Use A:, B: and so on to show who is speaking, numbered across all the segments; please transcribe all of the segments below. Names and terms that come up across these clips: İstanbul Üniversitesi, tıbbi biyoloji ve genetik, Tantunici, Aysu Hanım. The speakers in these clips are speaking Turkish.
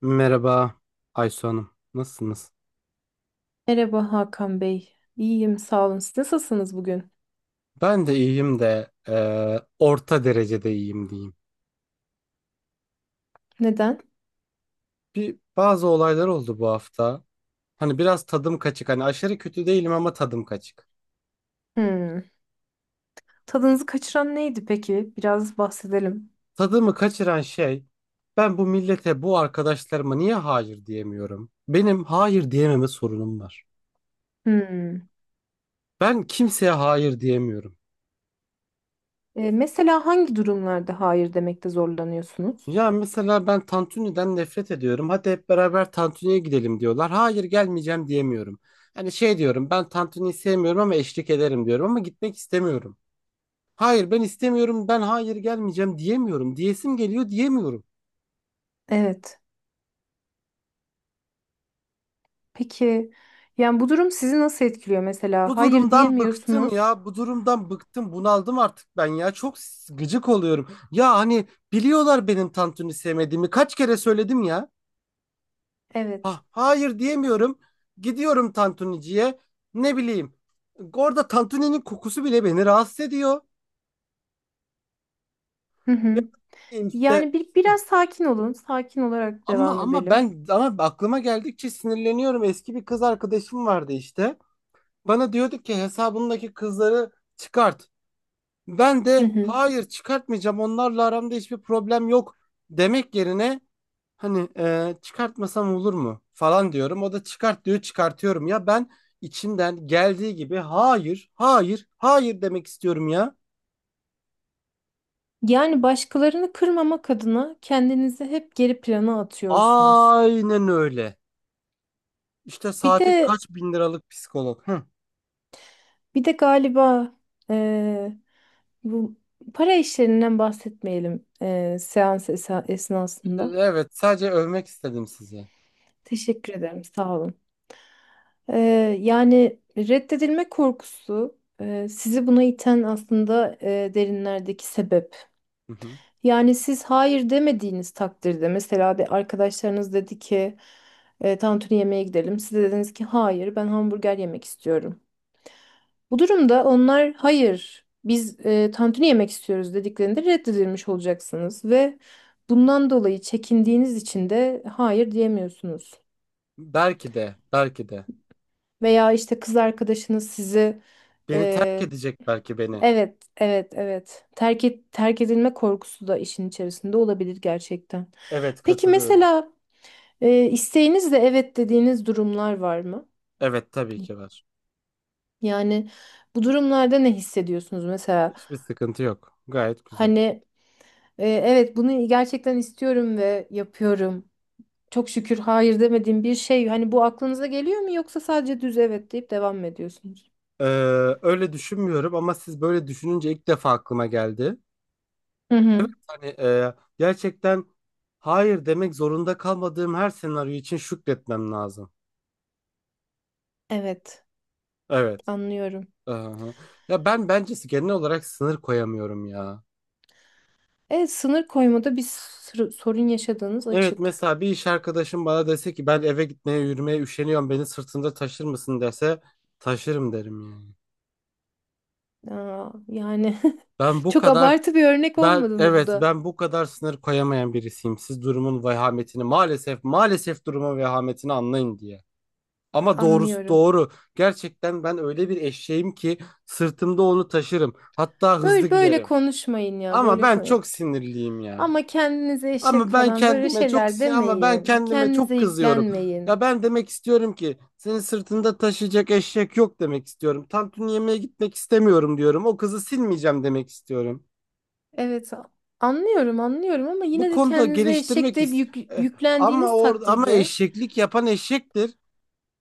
A: Merhaba Aysu Hanım. Nasılsınız?
B: Merhaba Hakan Bey. İyiyim, sağ olun. Siz nasılsınız bugün?
A: Ben de iyiyim de orta derecede iyiyim diyeyim.
B: Neden?
A: Bazı olaylar oldu bu hafta. Hani biraz tadım kaçık. Hani aşırı kötü değilim ama tadım kaçık.
B: Hmm. Tadınızı kaçıran neydi peki? Biraz bahsedelim.
A: Tadımı kaçıran şey, ben bu millete, bu arkadaşlarıma niye hayır diyemiyorum? Benim hayır diyememe sorunum var.
B: Hmm.
A: Ben kimseye hayır diyemiyorum.
B: Mesela hangi durumlarda hayır demekte zorlanıyorsunuz?
A: Ya mesela ben Tantuni'den nefret ediyorum. Hadi hep beraber Tantuni'ye gidelim diyorlar. Hayır gelmeyeceğim diyemiyorum. Hani şey diyorum, ben Tantuni'yi sevmiyorum ama eşlik ederim diyorum, ama gitmek istemiyorum. Hayır ben istemiyorum, ben hayır gelmeyeceğim diyemiyorum. Diyesim geliyor, diyemiyorum.
B: Evet. Peki, yani bu durum sizi nasıl etkiliyor mesela?
A: Bu
B: Hayır
A: durumdan bıktım
B: diyemiyorsunuz.
A: ya. Bu durumdan bıktım. Bunaldım artık ben ya. Çok gıcık oluyorum. Ya hani biliyorlar benim Tantuni sevmediğimi. Kaç kere söyledim ya.
B: Evet.
A: Ha, hayır diyemiyorum. Gidiyorum Tantunici'ye. Ne bileyim. Orada Tantuni'nin kokusu bile beni rahatsız ediyor.
B: Hı
A: Ne
B: hı.
A: bileyim işte.
B: Yani biraz sakin olun. Sakin olarak
A: Ama
B: devam
A: ama
B: edelim.
A: ben ama aklıma geldikçe sinirleniyorum. Eski bir kız arkadaşım vardı işte. Bana diyordu ki hesabındaki kızları çıkart. Ben
B: Hı
A: de
B: hı.
A: hayır çıkartmayacağım, onlarla aramda hiçbir problem yok demek yerine, hani çıkartmasam olur mu falan diyorum. O da çıkart diyor, çıkartıyorum. Ya ben içimden geldiği gibi hayır, hayır, hayır demek istiyorum ya.
B: Yani başkalarını kırmamak adına kendinizi hep geri plana atıyorsunuz.
A: Aynen öyle. İşte
B: Bir
A: saate
B: de
A: kaç bin liralık psikolog. Hı.
B: bir de galiba eee, bu para işlerinden bahsetmeyelim esnasında.
A: Evet, sadece övmek istedim sizi.
B: Teşekkür ederim, sağ olun. Eee, yani reddedilme korkusu sizi buna iten aslında derinlerdeki sebep.
A: Hı hı.
B: Yani siz hayır demediğiniz takdirde mesela de arkadaşlarınız dedi ki tantuni yemeğe gidelim. Siz de dediniz ki hayır ben hamburger yemek istiyorum. Bu durumda onlar hayır biz tantuni yemek istiyoruz dediklerinde reddedilmiş olacaksınız ve bundan dolayı çekindiğiniz için de hayır diyemiyorsunuz.
A: Belki de, belki de.
B: Veya işte kız arkadaşınız sizi
A: Beni terk
B: e,
A: edecek belki beni.
B: evet evet evet terk edilme korkusu da işin içerisinde olabilir gerçekten.
A: Evet,
B: Peki
A: katılıyorum.
B: mesela isteğinizle evet dediğiniz durumlar var mı?
A: Evet, tabii ki var.
B: Yani bu durumlarda ne hissediyorsunuz mesela?
A: Hiçbir sıkıntı yok. Gayet güzel.
B: Hani evet bunu gerçekten istiyorum ve yapıyorum. Çok şükür hayır demediğim bir şey. Hani bu aklınıza geliyor mu yoksa sadece düz evet deyip devam mı ediyorsunuz?
A: Ee, Öyle düşünmüyorum ama siz böyle düşününce ilk defa aklıma geldi.
B: Hı
A: Evet,
B: hı.
A: hani gerçekten hayır demek zorunda kalmadığım her senaryo için şükretmem lazım.
B: Evet,
A: Evet.
B: anlıyorum.
A: Aha. Ya ben bence genel olarak sınır koyamıyorum ya.
B: Evet, sınır koymada bir sır- sorun yaşadığınız
A: Evet,
B: açık.
A: mesela bir iş arkadaşım bana dese ki ben eve gitmeye yürümeye üşeniyorum, beni sırtında taşır mısın dese, taşırım derim yani.
B: Aa, yani
A: Ben bu
B: çok
A: kadar
B: abartı bir örnek
A: ben
B: olmadı mı bu
A: evet
B: da?
A: ben bu kadar sınır koyamayan birisiyim. Siz durumun vehametini, maalesef durumun vehametini anlayın diye. Ama doğrusu
B: Anlıyorum.
A: doğru. Gerçekten ben öyle bir eşeğim ki sırtımda onu taşırım. Hatta hızlı
B: Böyle böyle
A: giderim.
B: konuşmayın ya.
A: Ama
B: Böyle
A: ben
B: konu.
A: çok sinirliyim ya.
B: Ama kendinize eşek
A: Ama ben
B: falan böyle
A: kendime çok
B: şeyler
A: sin- ama ben
B: demeyin.
A: kendime çok
B: Kendinize
A: kızıyorum. Ya
B: yüklenmeyin.
A: ben demek istiyorum ki senin sırtında taşıyacak eşek yok demek istiyorum. Tantuni yemeye gitmek istemiyorum diyorum. O kızı silmeyeceğim demek istiyorum.
B: Evet, a- anlıyorum, anlıyorum ama
A: Bu
B: yine de
A: konuda
B: kendinize eşek
A: geliştirmek
B: deyip
A: ist E, ama
B: yüklendiğiniz
A: orada ama
B: takdirde
A: eşeklik yapan eşektir.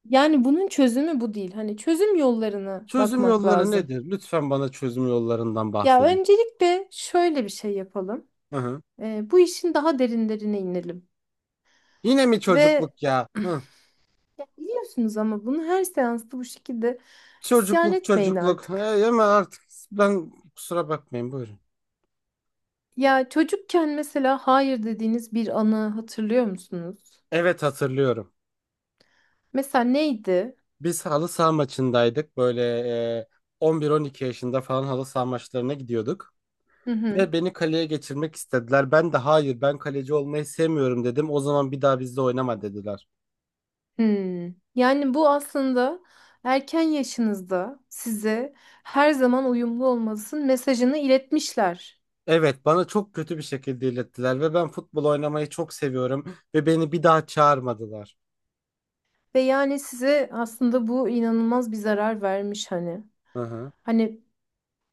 B: yani bunun çözümü bu değil. Hani çözüm yollarına
A: Çözüm
B: bakmak
A: yolları
B: lazım.
A: nedir? Lütfen bana çözüm yollarından
B: Ya
A: bahsedin.
B: öncelikle şöyle bir şey yapalım.
A: Hı hı.
B: Bu işin daha derinlerine inelim.
A: Yine mi
B: Ve
A: çocukluk ya? Hı.
B: biliyorsunuz ama bunu her seansta bu şekilde isyan
A: Çocukluk
B: etmeyin
A: çocukluk.
B: artık.
A: Hey, ama artık ben, kusura bakmayın, buyurun.
B: Ya çocukken mesela hayır dediğiniz bir anı hatırlıyor musunuz?
A: Evet, hatırlıyorum.
B: Mesela neydi?
A: Biz halı saha maçındaydık. Böyle e, 11-12 yaşında falan halı saha maçlarına gidiyorduk.
B: Hı hı.
A: Ve beni kaleye geçirmek istediler. Ben de hayır, ben kaleci olmayı sevmiyorum dedim. O zaman bir daha bizle oynama dediler.
B: Hmm. Yani bu aslında erken yaşınızda size her zaman uyumlu olmalısın mesajını iletmişler.
A: Evet, bana çok kötü bir şekilde ilettiler ve ben futbol oynamayı çok seviyorum ve beni bir daha çağırmadılar.
B: Ve yani size aslında bu inanılmaz bir zarar vermiş hani.
A: Hı hı.
B: Hani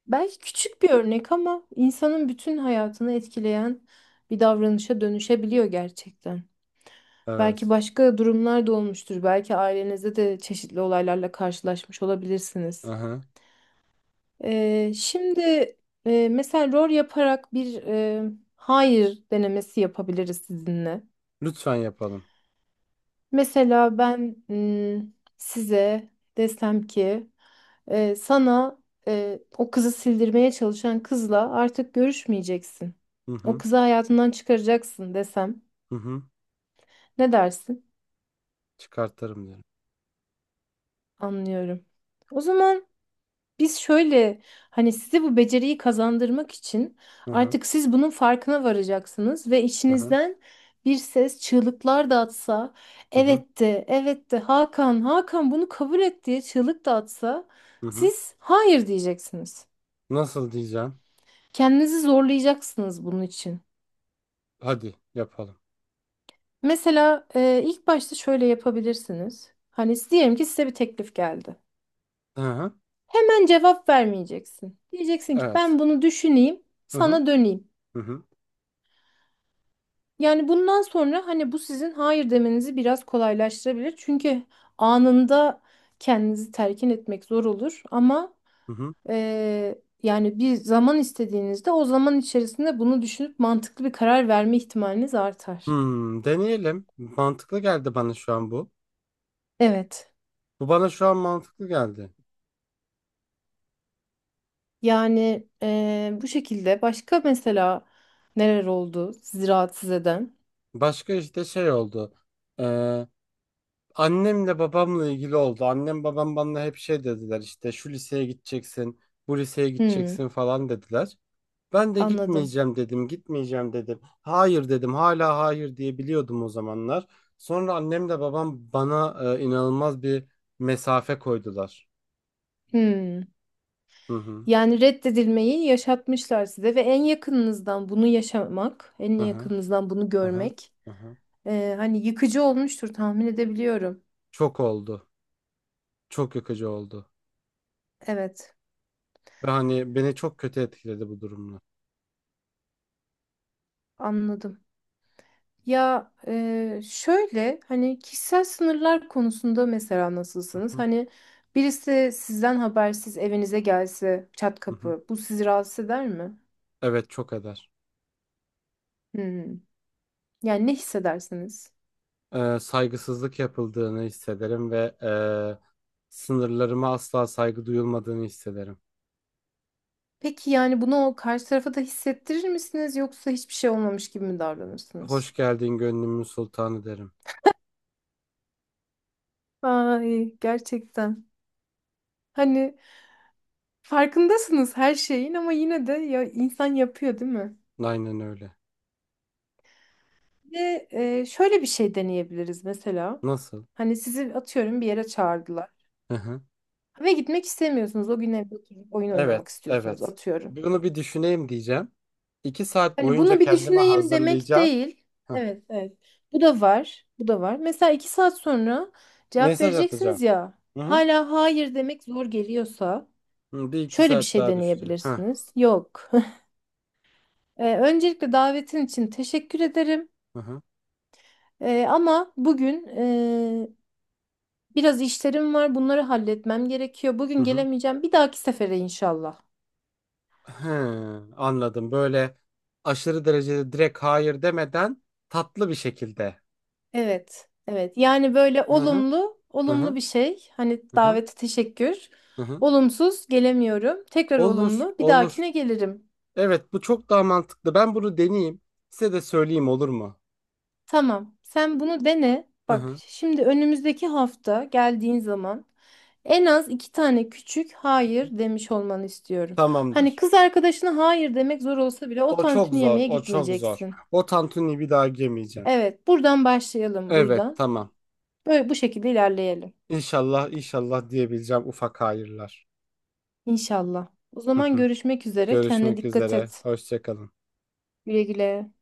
B: belki küçük bir örnek ama insanın bütün hayatını etkileyen bir davranışa dönüşebiliyor gerçekten. Belki
A: Evet.
B: başka durumlar da olmuştur. Belki ailenizde de çeşitli olaylarla karşılaşmış
A: Hı
B: olabilirsiniz.
A: hı.
B: Şimdi mesela rol yaparak bir hayır denemesi yapabiliriz sizinle.
A: Lütfen yapalım.
B: Mesela ben size desem ki sana o kızı sildirmeye çalışan kızla artık görüşmeyeceksin.
A: Hı
B: O
A: hı.
B: kızı hayatından çıkaracaksın desem.
A: Hı hı.
B: Ne dersin?
A: Çıkartırım diyorum.
B: Anlıyorum. O zaman. Biz şöyle hani size bu beceriyi kazandırmak için
A: Hı hı.
B: artık siz bunun farkına varacaksınız ve
A: Hı hı.
B: içinizden bir ses çığlıklar da atsa,
A: Hı hı.
B: evet de, evet de Hakan, Hakan bunu kabul et diye çığlık da atsa
A: Hı hı.
B: siz hayır diyeceksiniz.
A: Nasıl diyeceğim?
B: Kendinizi zorlayacaksınız bunun için.
A: Hadi yapalım.
B: Mesela ilk başta şöyle yapabilirsiniz. Hani diyelim ki size bir teklif geldi.
A: Hı hı.
B: Hemen cevap vermeyeceksin. Diyeceksin ki
A: Evet.
B: ben bunu düşüneyim,
A: Hı hı.
B: sana döneyim.
A: Hı hı.
B: Yani bundan sonra hani bu sizin hayır demenizi biraz kolaylaştırabilir. Çünkü anında kendinizi telkin etmek zor olur ama
A: Hı hı.
B: yani bir zaman istediğinizde o zaman içerisinde bunu düşünüp mantıklı bir karar verme ihtimaliniz artar.
A: Hmm, deneyelim. Mantıklı geldi bana şu an bu.
B: Evet.
A: Bu bana şu an mantıklı geldi.
B: Yani bu şekilde başka mesela neler oldu sizi rahatsız eden?
A: Başka işte şey oldu. Ee, Annemle babamla ilgili oldu. Annem babam bana hep şey dediler, işte şu liseye gideceksin, bu liseye
B: Hmm,
A: gideceksin falan dediler. Ben de
B: anladım.
A: gitmeyeceğim dedim, gitmeyeceğim dedim. Hayır dedim, hala hayır diyebiliyordum o zamanlar. Sonra annem de babam bana inanılmaz bir mesafe koydular.
B: Hmm.
A: Hı hı,
B: Yani reddedilmeyi yaşatmışlar size ve en yakınınızdan bunu yaşamak, en
A: hı hı,
B: yakınınızdan bunu
A: hı hı,
B: görmek,
A: hı hı.
B: hani yıkıcı olmuştur tahmin edebiliyorum.
A: Çok oldu, çok yıkıcı oldu.
B: Evet,
A: Ve hani beni çok kötü etkiledi bu durumlar.
B: anladım. Ya şöyle hani kişisel sınırlar konusunda mesela
A: Hı
B: nasılsınız?
A: hı,
B: Hani birisi sizden habersiz evinize gelse çat
A: hı hı.
B: kapı, bu sizi rahatsız eder mi?
A: Evet, çok eder.
B: Hmm. Yani ne hissedersiniz?
A: Saygısızlık yapıldığını hissederim ve sınırlarıma asla saygı duyulmadığını hissederim.
B: Peki yani bunu o karşı tarafa da hissettirir misiniz yoksa hiçbir şey olmamış gibi mi davranırsınız?
A: Hoş geldin gönlümün sultanı derim.
B: Ay gerçekten. Hani farkındasınız her şeyin ama yine de ya insan yapıyor değil mi?
A: Aynen öyle.
B: Ve şöyle bir şey deneyebiliriz mesela.
A: Nasıl?
B: Hani sizi atıyorum bir yere çağırdılar.
A: Hı hı.
B: Ve gitmek istemiyorsunuz. O gün evde oturup oyun oynamak
A: Evet,
B: istiyorsunuz
A: evet.
B: atıyorum.
A: Bunu bir düşüneyim diyeceğim. İki saat
B: Hani
A: boyunca
B: bunu bir
A: kendime
B: düşüneyim demek
A: hazırlayacağım.
B: değil.
A: Heh.
B: Evet, evet. Bu da var. Bu da var. Mesela iki saat sonra cevap
A: Mesaj atacağım.
B: vereceksiniz ya.
A: Hı hı.
B: Hala hayır demek zor geliyorsa
A: Hı, bir iki
B: şöyle bir
A: saat
B: şey
A: daha düşüneceğim. Heh.
B: deneyebilirsiniz. Yok. Öncelikle davetin için teşekkür ederim.
A: Hı hı.
B: Ama bugün biraz işlerim var. Bunları halletmem gerekiyor.
A: Hı
B: Bugün
A: hı.
B: gelemeyeceğim. Bir dahaki sefere inşallah.
A: Hı, anladım. Böyle aşırı derecede direkt hayır demeden, tatlı bir şekilde.
B: Evet, evet. Yani böyle
A: Hı hı.
B: olumlu,
A: Hı
B: olumlu
A: hı.
B: bir şey. Hani
A: Hı hı.
B: davete teşekkür.
A: Hı hı.
B: Olumsuz gelemiyorum. Tekrar
A: Olur,
B: olumlu. Bir
A: olur.
B: dahakine gelirim.
A: Evet, bu çok daha mantıklı. Ben bunu deneyeyim. Size de söyleyeyim, olur mu?
B: Tamam. Sen bunu dene.
A: Hı
B: Bak
A: hı.
B: şimdi önümüzdeki hafta geldiğin zaman en az 2 tane küçük hayır demiş olmanı istiyorum. Hani
A: Tamamdır.
B: kız arkadaşına hayır demek zor olsa bile o
A: O çok
B: tantuni
A: zor.
B: yemeğe
A: O çok zor.
B: gitmeyeceksin.
A: O tantuni bir daha yemeyeceğim.
B: Evet, buradan başlayalım
A: Evet,
B: buradan.
A: tamam.
B: Böyle bu şekilde ilerleyelim.
A: İnşallah, inşallah diyebileceğim ufak hayırlar.
B: İnşallah. O
A: Hı
B: zaman
A: hı.
B: görüşmek üzere. Kendine
A: Görüşmek
B: dikkat
A: üzere.
B: et.
A: Hoşça kalın.
B: Güle güle.